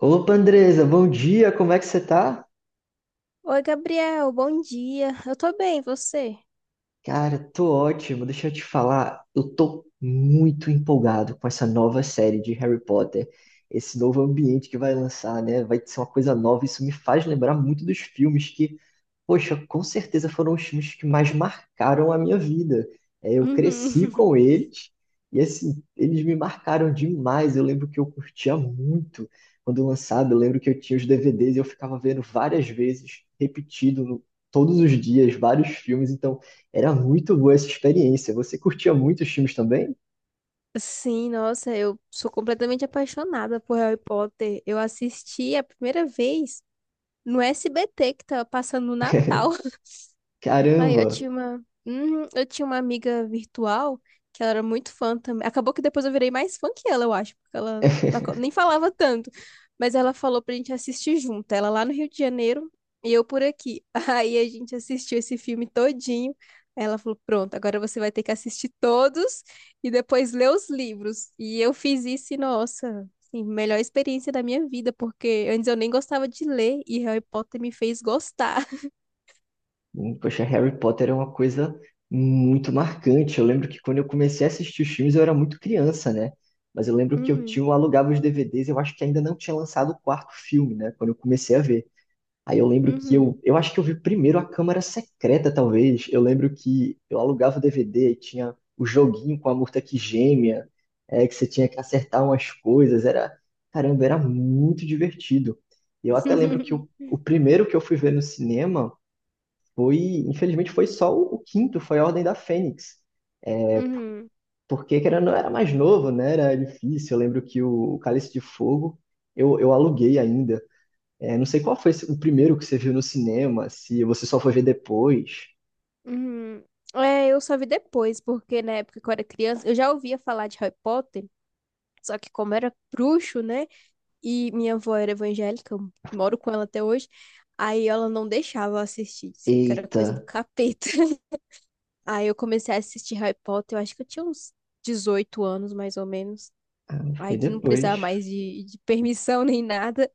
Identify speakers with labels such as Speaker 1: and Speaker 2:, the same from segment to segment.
Speaker 1: Opa, Andresa, bom dia, como é que você tá?
Speaker 2: Oi, Gabriel, bom dia. Eu tô bem, e você?
Speaker 1: Cara, tô ótimo. Deixa eu te falar, eu tô muito empolgado com essa nova série de Harry Potter, esse novo ambiente que vai lançar, né? Vai ser uma coisa nova. Isso me faz lembrar muito dos filmes que, poxa, com certeza foram os filmes que mais marcaram a minha vida. É, eu
Speaker 2: Uhum.
Speaker 1: cresci com eles e, assim, eles me marcaram demais. Eu lembro que eu curtia muito quando lançado. Eu lembro que eu tinha os DVDs e eu ficava vendo várias vezes, repetido todos os dias, vários filmes. Então, era muito boa essa experiência. Você curtia muito os filmes também?
Speaker 2: Sim, nossa, eu sou completamente apaixonada por Harry Potter. Eu assisti a primeira vez no SBT que tava passando no Natal. Aí eu
Speaker 1: Caramba!
Speaker 2: tinha uma, Uhum. Eu tinha uma amiga virtual que ela era muito fã também. Acabou que depois eu virei mais fã que ela, eu acho, porque ela nem falava tanto. Mas ela falou pra gente assistir junto, ela lá no Rio de Janeiro e eu por aqui. Aí a gente assistiu esse filme todinho. Aí ela falou: "Pronto, agora você vai ter que assistir todos e depois ler os livros". E eu fiz isso e nossa, assim, melhor experiência da minha vida, porque antes eu nem gostava de ler e Harry Potter me fez gostar.
Speaker 1: Poxa, Harry Potter é uma coisa muito marcante. Eu lembro que quando eu comecei a assistir os filmes, eu era muito criança, né? Mas eu lembro que
Speaker 2: Uhum,
Speaker 1: eu alugava os DVDs, eu acho que ainda não tinha lançado o quarto filme, né? Quando eu comecei a ver. Aí eu lembro que
Speaker 2: uhum.
Speaker 1: eu acho que eu vi primeiro a Câmara Secreta, talvez. Eu lembro que eu alugava o DVD e tinha o joguinho com a Murta que gêmea, é, que você tinha que acertar umas coisas. Era, caramba, era muito divertido. E eu até lembro que o primeiro que eu fui ver no cinema foi, infelizmente, foi só o quinto, foi a Ordem da Fênix.
Speaker 2: Uhum,
Speaker 1: Porque querendo, ou não, era mais novo, né? Era difícil. Eu lembro que o Cálice de Fogo eu aluguei ainda. É, não sei qual foi esse- o primeiro que você viu no cinema, se você só foi ver depois.
Speaker 2: uhum. É, eu só vi depois, porque na época que eu era criança, eu já ouvia falar de Harry Potter, só que como era bruxo, né? E minha avó era evangélica, eu moro com ela até hoje, aí ela não deixava eu assistir, disse que era
Speaker 1: Eita,
Speaker 2: coisa do capeta. Aí eu comecei a assistir Harry Potter, eu acho que eu tinha uns 18 anos, mais ou menos. Aí
Speaker 1: foi
Speaker 2: que não precisava
Speaker 1: depois.
Speaker 2: mais de permissão nem nada.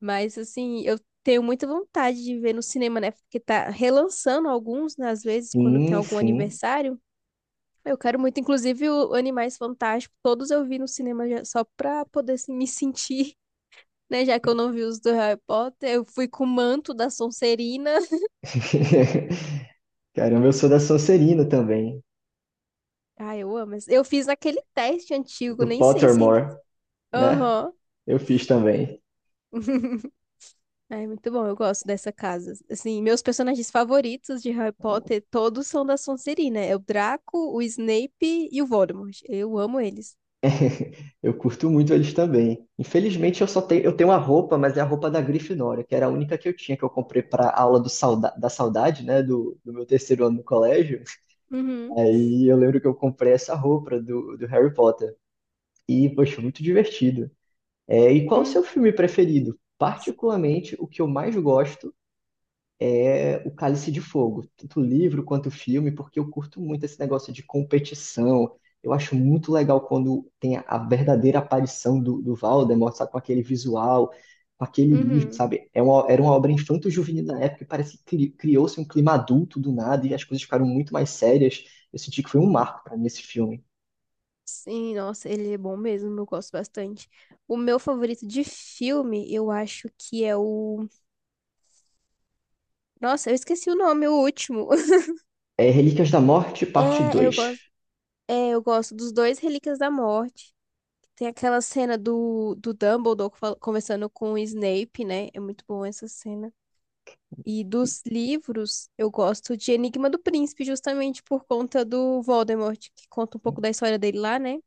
Speaker 2: Mas assim, eu tenho muita vontade de ver no cinema, né? Porque tá relançando alguns, né, às vezes, quando tem
Speaker 1: Sim,
Speaker 2: algum
Speaker 1: sim.
Speaker 2: aniversário. Eu quero muito, inclusive, o Animais Fantásticos, todos eu vi no cinema só pra poder assim, me sentir, né? Já que eu não vi os do Harry Potter, eu fui com o manto da Sonserina.
Speaker 1: Caramba, eu sou da Sonserina também,
Speaker 2: Ah, eu amo. Eu fiz aquele teste antigo,
Speaker 1: do
Speaker 2: nem sei se ainda.
Speaker 1: Pottermore, né?
Speaker 2: Aham.
Speaker 1: Eu fiz também.
Speaker 2: É muito bom, eu gosto dessa casa. Assim, meus personagens favoritos de Harry Potter todos são da Sonserina. É o Draco, o Snape e o Voldemort. Eu amo eles.
Speaker 1: Eu curto muito eles também. Infelizmente, eu tenho uma roupa, mas é a roupa da Grifinória, que era a única que eu tinha, que eu comprei para aula do sauda da saudade, né? Do meu terceiro ano no colégio.
Speaker 2: Uhum,
Speaker 1: Aí eu lembro que eu comprei essa roupa do Harry Potter. E, poxa, muito divertido. É, e qual o
Speaker 2: uhum,
Speaker 1: seu filme preferido? Particularmente, o que eu mais gosto é O Cálice de Fogo, tanto o livro quanto o filme, porque eu curto muito esse negócio de competição. Eu acho muito legal quando tem a verdadeira aparição do Voldemort, sabe, com aquele visual, com aquele livro,
Speaker 2: uhum.
Speaker 1: sabe? Era uma obra infanto-juvenil da época e parece que criou-se um clima adulto do nada e as coisas ficaram muito mais sérias. Eu senti que foi um marco para mim esse filme.
Speaker 2: Sim, nossa, ele é bom mesmo, eu gosto bastante. O meu favorito de filme, eu acho que é o... Nossa, eu esqueci o nome, o último.
Speaker 1: É Relíquias da Morte, parte
Speaker 2: É, eu
Speaker 1: dois.
Speaker 2: gosto, é, eu gosto dos dois Relíquias da Morte. Tem aquela cena do Dumbledore conversando com o Snape, né? É muito bom essa cena. E dos livros, eu gosto de Enigma do Príncipe, justamente por conta do Voldemort, que conta um pouco da história dele lá, né?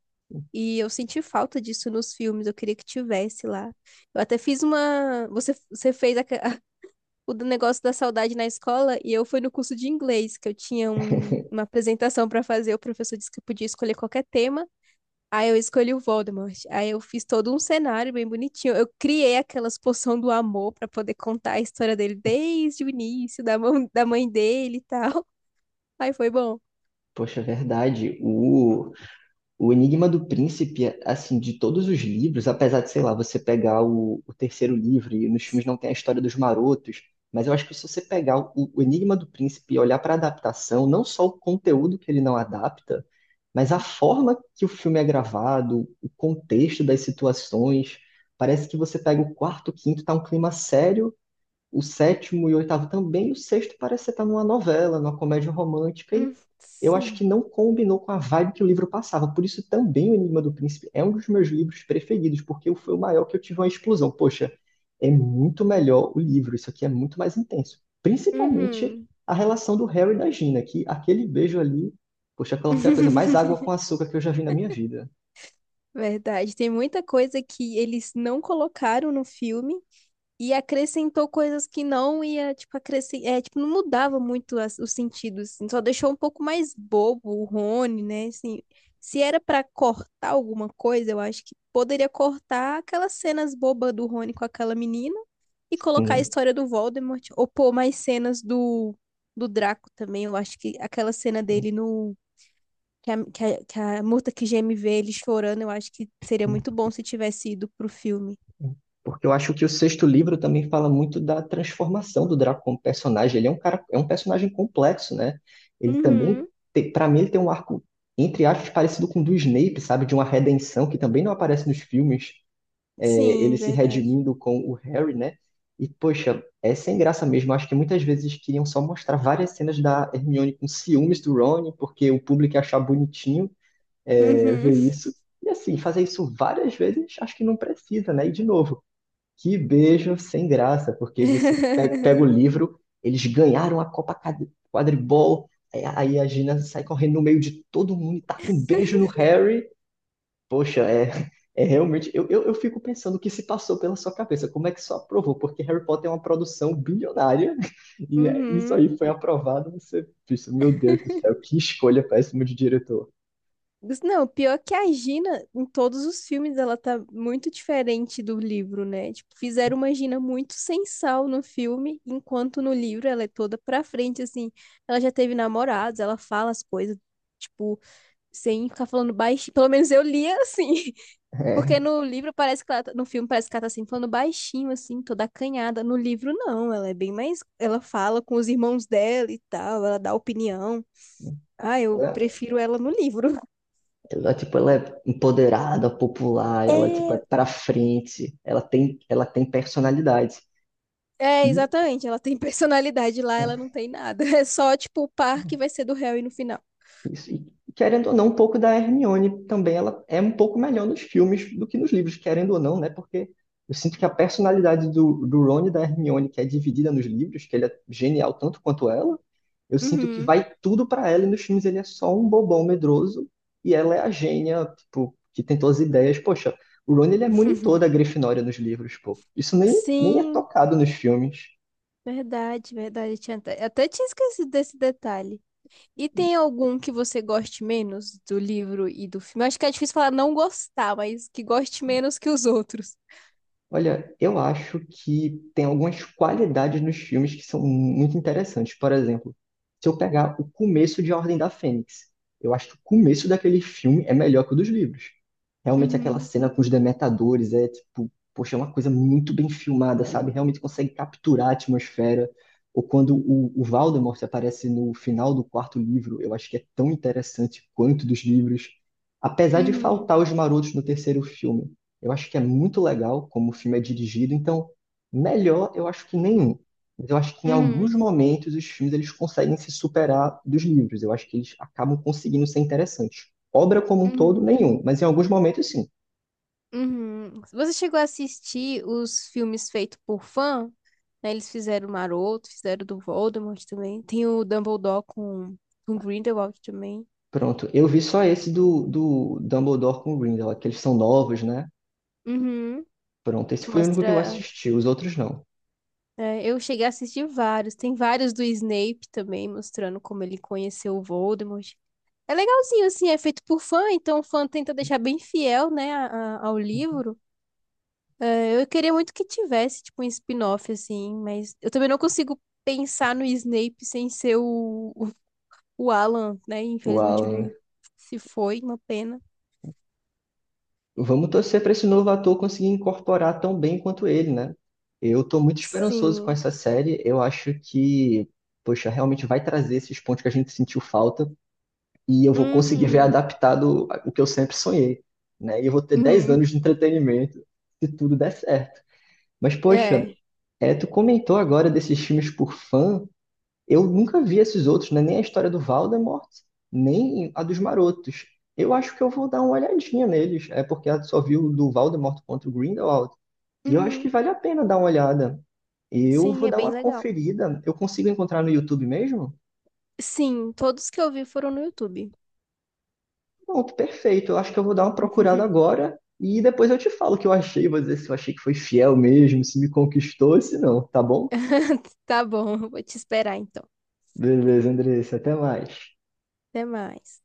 Speaker 2: E eu senti falta disso nos filmes, eu queria que tivesse lá. Eu até fiz uma. O do negócio da saudade na escola, e eu fui no curso de inglês, que eu tinha uma apresentação para fazer, o professor disse que eu podia escolher qualquer tema. Aí eu escolhi o Voldemort. Aí eu fiz todo um cenário bem bonitinho. Eu criei aquelas poção do amor pra poder contar a história dele desde o início, da mãe dele e tal. Aí foi bom.
Speaker 1: Poxa, é verdade. O Enigma do Príncipe, assim, de todos os livros, apesar de, sei lá, você pegar o terceiro livro e nos filmes não tem a história dos marotos, mas eu acho que se você pegar o Enigma do Príncipe e olhar para a adaptação, não só o conteúdo que ele não adapta, mas a forma que o filme é gravado, o contexto das situações, parece que você pega o quarto, o quinto, tá um clima sério, o sétimo e o oitavo também, e o sexto parece estar numa novela, numa comédia romântica, e
Speaker 2: Hum,
Speaker 1: eu acho que
Speaker 2: Sim.
Speaker 1: não combinou com a vibe que o livro passava. Por isso também o Enigma do Príncipe é um dos meus livros preferidos, porque foi o maior que eu tive uma explosão. Poxa, é muito melhor o livro, isso aqui é muito mais intenso. Principalmente
Speaker 2: Uhum.
Speaker 1: a relação do Harry e da Gina, que aquele beijo ali, poxa, aquela foi a coisa mais água com açúcar que eu já vi na minha vida.
Speaker 2: Verdade. Tem muita coisa que eles não colocaram no filme. E acrescentou coisas que não ia, tipo, é, tipo, não mudava muito os sentidos, assim, só deixou um pouco mais bobo o Rony, né? Assim, se era pra cortar alguma coisa, eu acho que poderia cortar aquelas cenas bobas do Rony com aquela menina e colocar a
Speaker 1: Hum.
Speaker 2: história do Voldemort, ou pôr mais cenas do Draco também. Eu acho que aquela cena dele no... Que a Murta que geme vê ele chorando, eu acho que seria muito bom se tivesse ido pro filme.
Speaker 1: Porque eu acho que o sexto livro também fala muito da transformação do Draco como personagem. Ele é um cara, é um personagem complexo, né? Ele também,
Speaker 2: Uhum.
Speaker 1: para mim, ele tem um arco, entre aspas, parecido com o do Snape, sabe? De uma redenção que também não aparece nos filmes. É, ele
Speaker 2: Sim,
Speaker 1: se
Speaker 2: verdade.
Speaker 1: redimindo com o Harry, né? E, poxa, é sem graça mesmo. Acho que muitas vezes queriam só mostrar várias cenas da Hermione com ciúmes do Ron, porque o público ia achar bonitinho
Speaker 2: Uhum.
Speaker 1: ver isso. E assim, fazer isso várias vezes, acho que não precisa, né? E de novo, que beijo sem graça, porque você pega o livro, eles ganharam a Copa Quadribol, aí a Gina sai correndo no meio de todo mundo e tá com um beijo no Harry. Poxa, é, é realmente. Eu fico pensando o que se passou pela sua cabeça, como é que isso aprovou? Porque Harry Potter é uma produção bilionária e é, isso
Speaker 2: Uhum.
Speaker 1: aí foi aprovado. Você pensa, meu Deus do céu, que escolha péssima de diretor.
Speaker 2: Não, pior que a Gina, em todos os filmes, ela tá muito diferente do livro, né? Tipo, fizeram uma Gina muito sem sal no filme, enquanto no livro ela é toda pra frente, assim. Ela já teve namorados, ela fala as coisas, tipo, sem ficar falando baixinho. Pelo menos eu lia assim. Porque no livro parece que no filme parece que ela tá assim, falando baixinho, assim, toda acanhada. No livro, não, ela é bem mais. Ela fala com os irmãos dela e tal, ela dá opinião. Ah, eu
Speaker 1: É.
Speaker 2: prefiro ela no livro.
Speaker 1: Ela, tipo, ela é empoderada, popular, ela, tipo, é
Speaker 2: É,
Speaker 1: pra frente, ela tem personalidade.
Speaker 2: é,
Speaker 1: E
Speaker 2: exatamente. Ela tem personalidade lá, ela não
Speaker 1: é,
Speaker 2: tem nada. É só, tipo, o par que vai ser do Harry no final.
Speaker 1: isso. E querendo ou não, um pouco da Hermione também, ela é um pouco melhor nos filmes do que nos livros, querendo ou não, né? Porque eu sinto que a personalidade do Ron e da Hermione, que é dividida nos livros, que ele é genial tanto quanto ela, eu sinto que
Speaker 2: Uhum.
Speaker 1: vai tudo pra ela e nos filmes ele é só um bobão medroso e ela é a gênia, tipo, que tem todas as ideias. Poxa, o Ron ele é monitor da Grifinória nos livros, pô. Isso nem é
Speaker 2: Sim,
Speaker 1: tocado nos filmes.
Speaker 2: verdade, verdade. Tinha até tinha esquecido desse detalhe. E tem algum que você goste menos do livro e do filme? Eu acho que é difícil falar não gostar, mas que goste menos que os outros.
Speaker 1: Olha, eu acho que tem algumas qualidades nos filmes que são muito interessantes. Por exemplo, se eu pegar o começo de A Ordem da Fênix, eu acho que o começo daquele filme é melhor que o dos livros. Realmente aquela
Speaker 2: Uhum.
Speaker 1: cena com os demetadores é tipo, poxa, é uma coisa muito bem filmada, sabe? Realmente consegue capturar a atmosfera. Ou quando o Voldemort aparece no final do quarto livro, eu acho que é tão interessante quanto dos livros. Apesar de
Speaker 2: Uhum.
Speaker 1: faltar os marotos no terceiro filme. Eu acho que é muito legal como o filme é dirigido, então melhor eu acho que nenhum. Mas eu acho que em
Speaker 2: Uhum.
Speaker 1: alguns momentos os filmes eles conseguem se superar dos livros. Eu acho que eles acabam conseguindo ser interessantes. Obra como um todo,
Speaker 2: Uhum.
Speaker 1: nenhum, mas em alguns momentos sim.
Speaker 2: Uhum. Você chegou a assistir os filmes feitos por fã, né? Eles fizeram o Maroto, fizeram o do Voldemort também. Tem o Dumbledore com Grindelwald também.
Speaker 1: Pronto, eu vi só esse do Dumbledore com Grindelwald, que eles são novos, né?
Speaker 2: Uhum.
Speaker 1: Pronto, esse
Speaker 2: Que
Speaker 1: foi o único que eu
Speaker 2: mostra.
Speaker 1: assisti, os outros não.
Speaker 2: É, eu cheguei a assistir vários. Tem vários do Snape também, mostrando como ele conheceu o Voldemort. É legalzinho, assim, é feito por fã, então o fã tenta deixar bem fiel, né, ao livro. Eu queria muito que tivesse, tipo, um spin-off, assim, mas eu também não consigo pensar no Snape sem ser o Alan, né?
Speaker 1: Uau,
Speaker 2: Infelizmente ele se foi, uma pena.
Speaker 1: vamos torcer para esse novo ator conseguir incorporar tão bem quanto ele, né? Eu estou muito esperançoso com
Speaker 2: Sim.
Speaker 1: essa série. Eu acho que, poxa, realmente vai trazer esses pontos que a gente sentiu falta e eu vou conseguir ver
Speaker 2: Uhum.
Speaker 1: adaptado o que eu sempre sonhei, né? E eu vou ter 10
Speaker 2: Uhum.
Speaker 1: anos de entretenimento se tudo der certo. Mas, poxa,
Speaker 2: É.
Speaker 1: tu comentou agora desses filmes por fã. Eu nunca vi esses outros, né? Nem a história do Voldemort, nem a dos Marotos. Eu acho que eu vou dar uma olhadinha neles, é porque eu só vi o do Voldemort contra o Grindelwald. E eu acho
Speaker 2: Uhum.
Speaker 1: que vale a pena dar uma olhada. Eu
Speaker 2: Sim,
Speaker 1: vou
Speaker 2: é
Speaker 1: dar
Speaker 2: bem
Speaker 1: uma
Speaker 2: legal.
Speaker 1: conferida. Eu consigo encontrar no YouTube mesmo?
Speaker 2: Sim, todos que eu vi foram no YouTube.
Speaker 1: Pronto, perfeito. Eu acho que eu vou dar uma procurada agora e depois eu te falo o que eu achei. Vou dizer se eu achei que foi fiel mesmo, se me conquistou, se não, tá bom?
Speaker 2: Tá bom, vou te esperar então.
Speaker 1: Beleza, Andressa, até mais.
Speaker 2: Até mais.